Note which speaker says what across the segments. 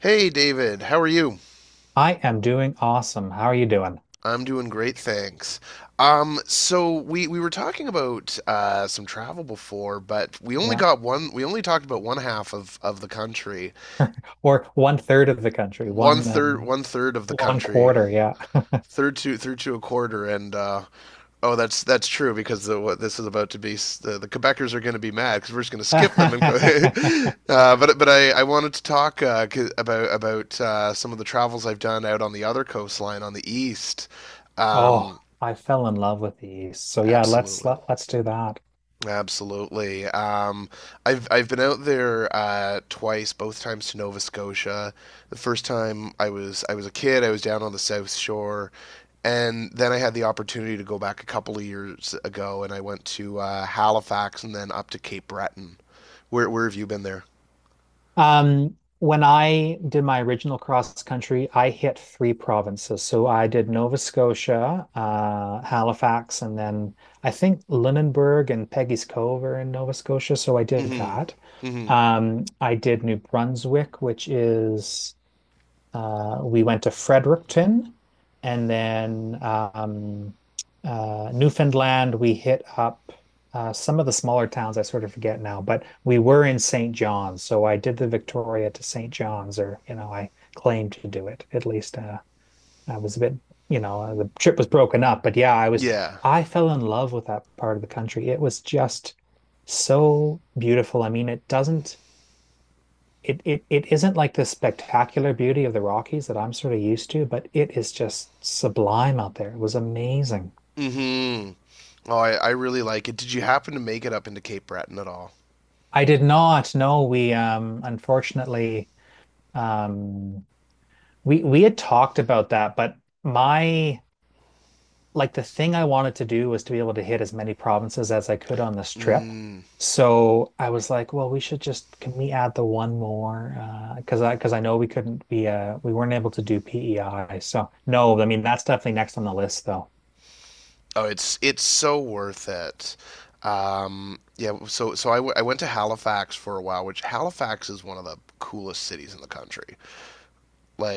Speaker 1: Hey David, how are you?
Speaker 2: I am doing awesome. How are you doing?
Speaker 1: I'm doing great, thanks. So we were talking about some travel before, but we only
Speaker 2: Yeah.
Speaker 1: got one. We only talked about one half of the country,
Speaker 2: Or one third of the country,
Speaker 1: one third one third of the
Speaker 2: one
Speaker 1: country,
Speaker 2: quarter. Yeah.
Speaker 1: third to through to a quarter. And oh, that's true because what this is about to be the Quebecers are going to be mad because we're just going to skip them and go. I wanted to talk about some of the travels I've done out on the other coastline on the east.
Speaker 2: Oh,
Speaker 1: Um,
Speaker 2: I fell in love with the East. So yeah, let's
Speaker 1: Absolutely.
Speaker 2: let, let's do that.
Speaker 1: Absolutely. I've been out there twice, both times to Nova Scotia. The first time I was a kid, I was down on the South Shore, and then I had the opportunity to go back a couple of years ago, and I went to Halifax and then up to Cape Breton. Where have you been there?
Speaker 2: When I did my original cross country, I hit three provinces. So I did Nova Scotia, Halifax, and then I think Lunenburg and Peggy's Cove are in Nova Scotia. So I did
Speaker 1: Mm-hmm.
Speaker 2: that.
Speaker 1: Mm-hmm.
Speaker 2: I did New Brunswick, which is we went to Fredericton and then Newfoundland. We hit up some of the smaller towns. I sort of forget now, but we were in St. John's. So I did the Victoria to St. John's, or, you know, I claimed to do it at least. I was a bit, the trip was broken up, but yeah, I was.
Speaker 1: Yeah.
Speaker 2: I fell in love with that part of the country. It was just so beautiful. I mean, it doesn't it it it isn't like the spectacular beauty of the Rockies that I'm sort of used to, but it is just sublime out there. It was amazing.
Speaker 1: Mm-hmm. I really like it. Did you happen to make it up into Cape Breton at all?
Speaker 2: I did not know we, unfortunately, um we had talked about that, but my like, the thing I wanted to do was to be able to hit as many provinces as I could on this trip.
Speaker 1: Mm.
Speaker 2: So I was like, well, we should just can we add the one more? Because I know we couldn't be we weren't able to do PEI. So no, I mean that's definitely next on the list though.
Speaker 1: Oh, it's so worth it. I went to Halifax for a while, which Halifax is one of the coolest cities in the country.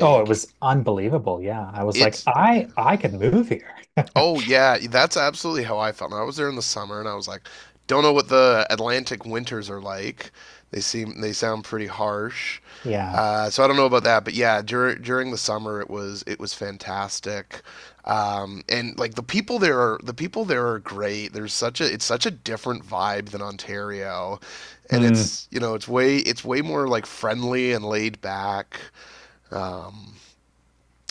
Speaker 2: Oh, it was unbelievable. Yeah. I was like,
Speaker 1: it's yeah,
Speaker 2: I could move here.
Speaker 1: oh yeah, that's absolutely how I felt. And I was there in the summer, and I was like, don't know what the Atlantic winters are like. They sound pretty harsh.
Speaker 2: Yeah.
Speaker 1: So I don't know about that, but yeah, during the summer it was fantastic, and like the people there are great. There's such a it's such a different vibe than Ontario, and
Speaker 2: Mm.
Speaker 1: it's it's way more like friendly and laid back. Um,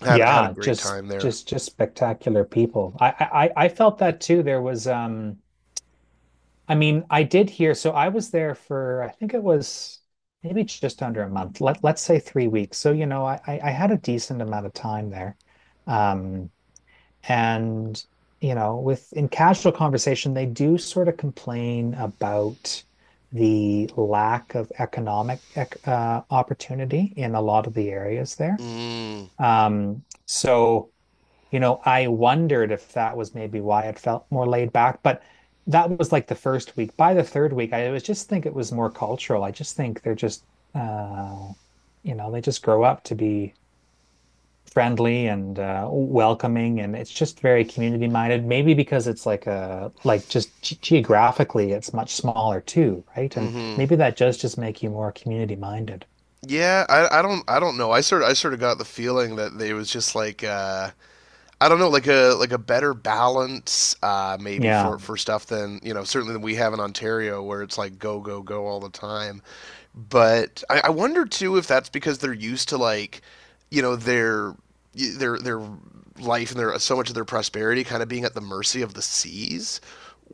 Speaker 1: had a
Speaker 2: Yeah,
Speaker 1: great
Speaker 2: just
Speaker 1: time there.
Speaker 2: just just spectacular people. I felt that too. There was I mean, I did hear, so I was there for I think it was maybe just under a month. Let's say 3 weeks. So, you know, I had a decent amount of time there. Um And, you know, with in casual conversation, they do sort of complain about the lack of economic opportunity in a lot of the areas there.
Speaker 1: Mm,
Speaker 2: So, you know, I wondered if that was maybe why it felt more laid back, but that was like the first week. By the third week, I was just think it was more cultural. I just think uh, they just grow up to be friendly and welcoming, and it's just very community minded. Maybe because it's like just geographically, it's much smaller too, right? And
Speaker 1: hmm
Speaker 2: maybe that does just make you more community minded.
Speaker 1: Yeah, I don't know. I sort of got the feeling that they was just like I don't know, like a better balance maybe
Speaker 2: Yeah,
Speaker 1: for stuff than certainly than we have in Ontario where it's like go go go all the time. But I wonder too if that's because they're used to like, you know, their life and their so much of their prosperity kind of being at the mercy of the seas.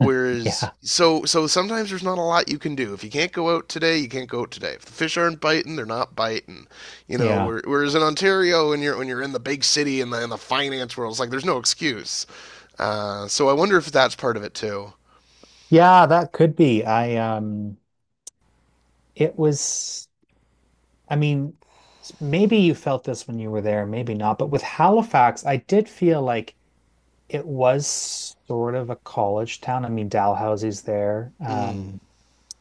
Speaker 2: yeah,
Speaker 1: so sometimes there's not a lot you can do. If you can't go out today, you can't go out today. If the fish aren't biting, they're not biting. You know,
Speaker 2: yeah,
Speaker 1: whereas in Ontario, when you're in the big city and in the finance world, it's like there's no excuse. So I wonder if that's part of it too.
Speaker 2: yeah. That could be. I It was. I mean, maybe you felt this when you were there, maybe not. But with Halifax, I did feel like it was sort of a college town. I mean, Dalhousie's there.
Speaker 1: Mm.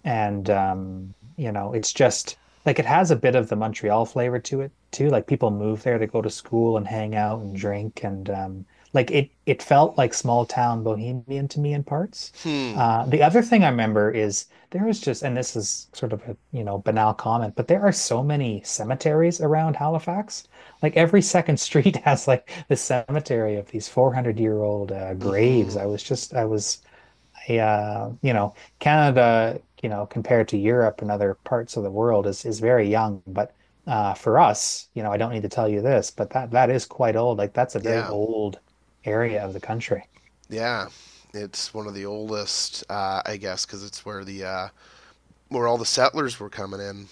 Speaker 2: And, you know, it's just like it has a bit of the Montreal flavor to it too. Like people move there to go to school and hang out and drink, and like it felt like small town bohemian to me in parts.
Speaker 1: Hmm.
Speaker 2: The other thing I remember is, there was just, and this is sort of a, you know, banal comment, but there are so many cemeteries around Halifax. Like every second street has like the cemetery of these 400-year-old graves.
Speaker 1: Hmm.
Speaker 2: I was just, I was yeah, you know, Canada, you know, compared to Europe and other parts of the world is very young, but for us, you know, I don't need to tell you this, but that that is quite old. Like that's a very
Speaker 1: Yeah.
Speaker 2: old area of the country.
Speaker 1: Yeah, it's one of the oldest, I guess, because it's where the where all the settlers were coming in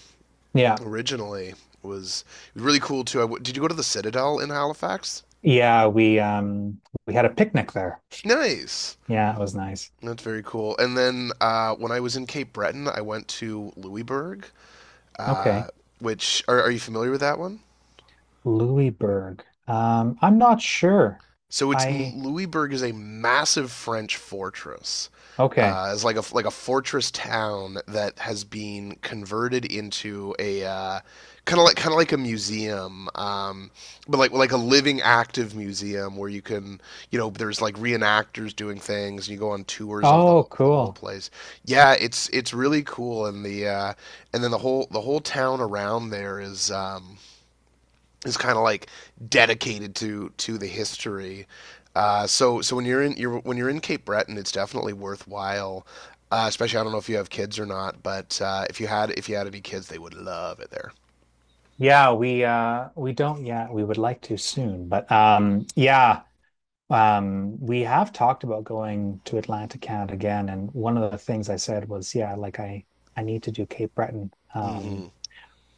Speaker 2: Yeah.
Speaker 1: originally. Was it was really cool too. Did you go to the Citadel in Halifax?
Speaker 2: Yeah, we had a picnic there.
Speaker 1: Nice.
Speaker 2: Yeah, it was nice.
Speaker 1: That's very cool. And then when I was in Cape Breton, I went to Louisbourg,
Speaker 2: Okay.
Speaker 1: uh, which are you familiar with that one?
Speaker 2: Louisburg. I'm not sure.
Speaker 1: So it's
Speaker 2: I
Speaker 1: Louisbourg is a massive French fortress.
Speaker 2: Okay.
Speaker 1: It's like a fortress town that has been converted into a kind of like a museum, but like a living active museum where you can you know there's like reenactors doing things and you go on tours of
Speaker 2: Oh,
Speaker 1: the whole
Speaker 2: cool.
Speaker 1: place. Yeah, it's really cool and the and then the whole town around there is. Is kind of like dedicated to the history. So when when you're in Cape Breton, it's definitely worthwhile. Especially, I don't know if you have kids or not, but if you had any kids, they would love it there.
Speaker 2: Yeah, we don't yet. We would like to soon, but yeah. We have talked about going to Atlantic Canada again, and one of the things I said was, yeah, like I need to do Cape Breton.
Speaker 1: Hmm.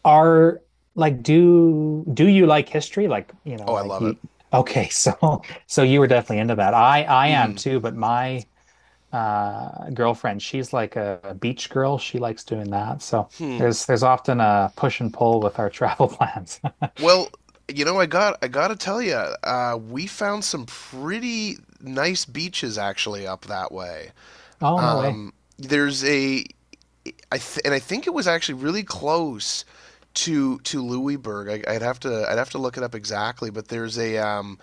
Speaker 2: Are Like, do you like history? Like, you
Speaker 1: Oh,
Speaker 2: know,
Speaker 1: I
Speaker 2: I
Speaker 1: love it.
Speaker 2: you okay. So you were definitely into that. I am
Speaker 1: Hmm.
Speaker 2: too, but my girlfriend, she's like a beach girl. She likes doing that. So
Speaker 1: Hmm.
Speaker 2: there's often a push and pull with our travel plans.
Speaker 1: Well, you know, I gotta tell you, we found some pretty nice beaches actually up that way.
Speaker 2: Oh, no way.
Speaker 1: Um, there's a I th- and I think it was actually really close to Louisburg. I would have to look it up exactly, but there's a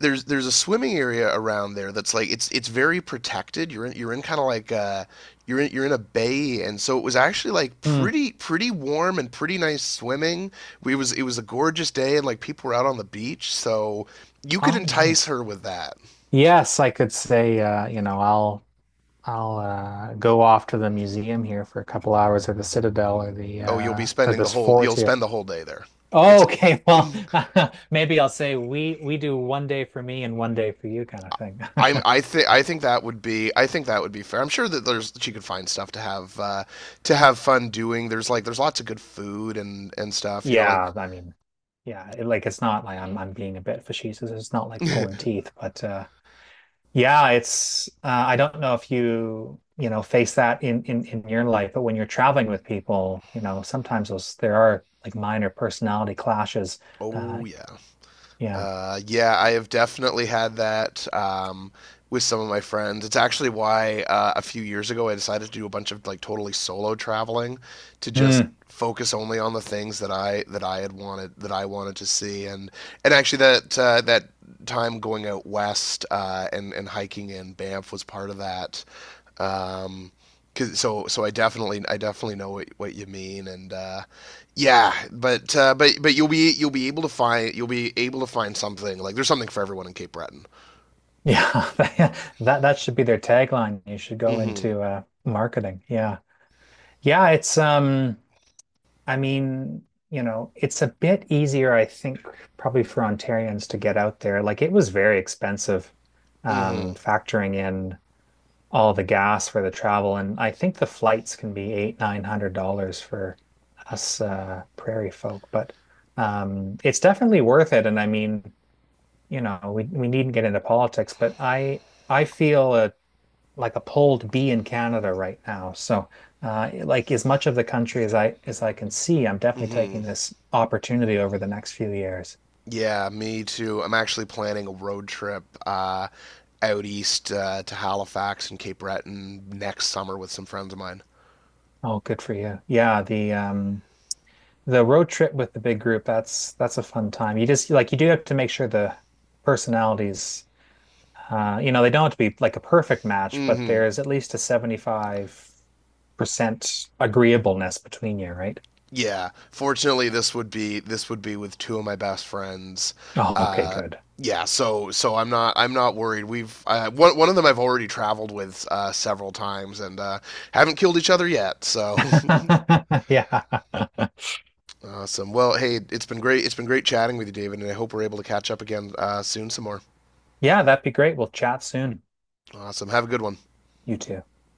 Speaker 1: there's there's a swimming area around there that's like it's very protected. You're in kind of like a, you're in a bay, and so it was actually like
Speaker 2: Hmm.
Speaker 1: pretty warm and pretty nice swimming. We was it was a gorgeous day, and like people were out on the beach, so you could
Speaker 2: Oh,
Speaker 1: entice
Speaker 2: nice.
Speaker 1: her with that.
Speaker 2: Yes, I could say, I'll go off to the museum here for a couple hours, or the Citadel,
Speaker 1: Oh,
Speaker 2: or this fort
Speaker 1: you'll
Speaker 2: here.
Speaker 1: spend the whole day there.
Speaker 2: Oh,
Speaker 1: It's
Speaker 2: okay, well, maybe I'll say we do one day for me and one day for you, kind of thing.
Speaker 1: I I think I think that would be fair. I'm sure that there's she could find stuff to have fun doing. There's like there's lots of good food and stuff. You know, like
Speaker 2: Yeah, I mean, yeah, like it's not like I'm being a bit facetious. It's not like pulling teeth, but yeah, it's I don't know if you you know face that in your life, but when you're traveling with people, you know, sometimes those there are like minor personality clashes. Uh,
Speaker 1: oh yeah,
Speaker 2: yeah.
Speaker 1: Yeah, I have definitely had that with some of my friends. It's actually why a few years ago I decided to do a bunch of like totally solo traveling to just
Speaker 2: Mm.
Speaker 1: focus only on the things that I had wanted that I wanted to see and actually that time going out west and hiking in Banff was part of that. Um, Cause, so I definitely know what you mean and yeah but you'll be able to find something like there's something for everyone in Cape Breton.
Speaker 2: Yeah, that that should be their tagline. You should go
Speaker 1: Mm-hmm.
Speaker 2: into marketing. Yeah. Yeah, it's I mean, you know, it's a bit easier I think probably for Ontarians to get out there. Like it was very expensive,
Speaker 1: Mm-hmm.
Speaker 2: factoring in all the gas for the travel, and I think the flights can be eight, nine hundred dollars for us prairie folk. But it's definitely worth it. And I mean, you know, we needn't get into politics, but I feel a like a pull to be in Canada right now. So, like as much of the country as I can see, I'm definitely
Speaker 1: Mm-hmm.
Speaker 2: taking this opportunity over the next few years.
Speaker 1: Yeah, me too. I'm actually planning a road trip out east to Halifax and Cape Breton next summer with some friends of mine.
Speaker 2: Oh, good for you. Yeah, the road trip with the big group, that's a fun time. You just, like, you do have to make sure the personalities, they don't have to be like a perfect match, but
Speaker 1: Mm-hmm.
Speaker 2: there's at least a 75% agreeableness between you, right?
Speaker 1: Yeah, fortunately, this would be with two of my best friends.
Speaker 2: Oh, okay,
Speaker 1: Uh,
Speaker 2: good.
Speaker 1: yeah, so I'm not worried. We've one of them I've already traveled with several times and haven't killed each other yet. So
Speaker 2: Yeah.
Speaker 1: awesome. Well, hey, it's been great. It's been great chatting with you, David, and I hope we're able to catch up again soon some more.
Speaker 2: Yeah, that'd be great. We'll chat soon.
Speaker 1: Awesome. Have a good one.
Speaker 2: You too.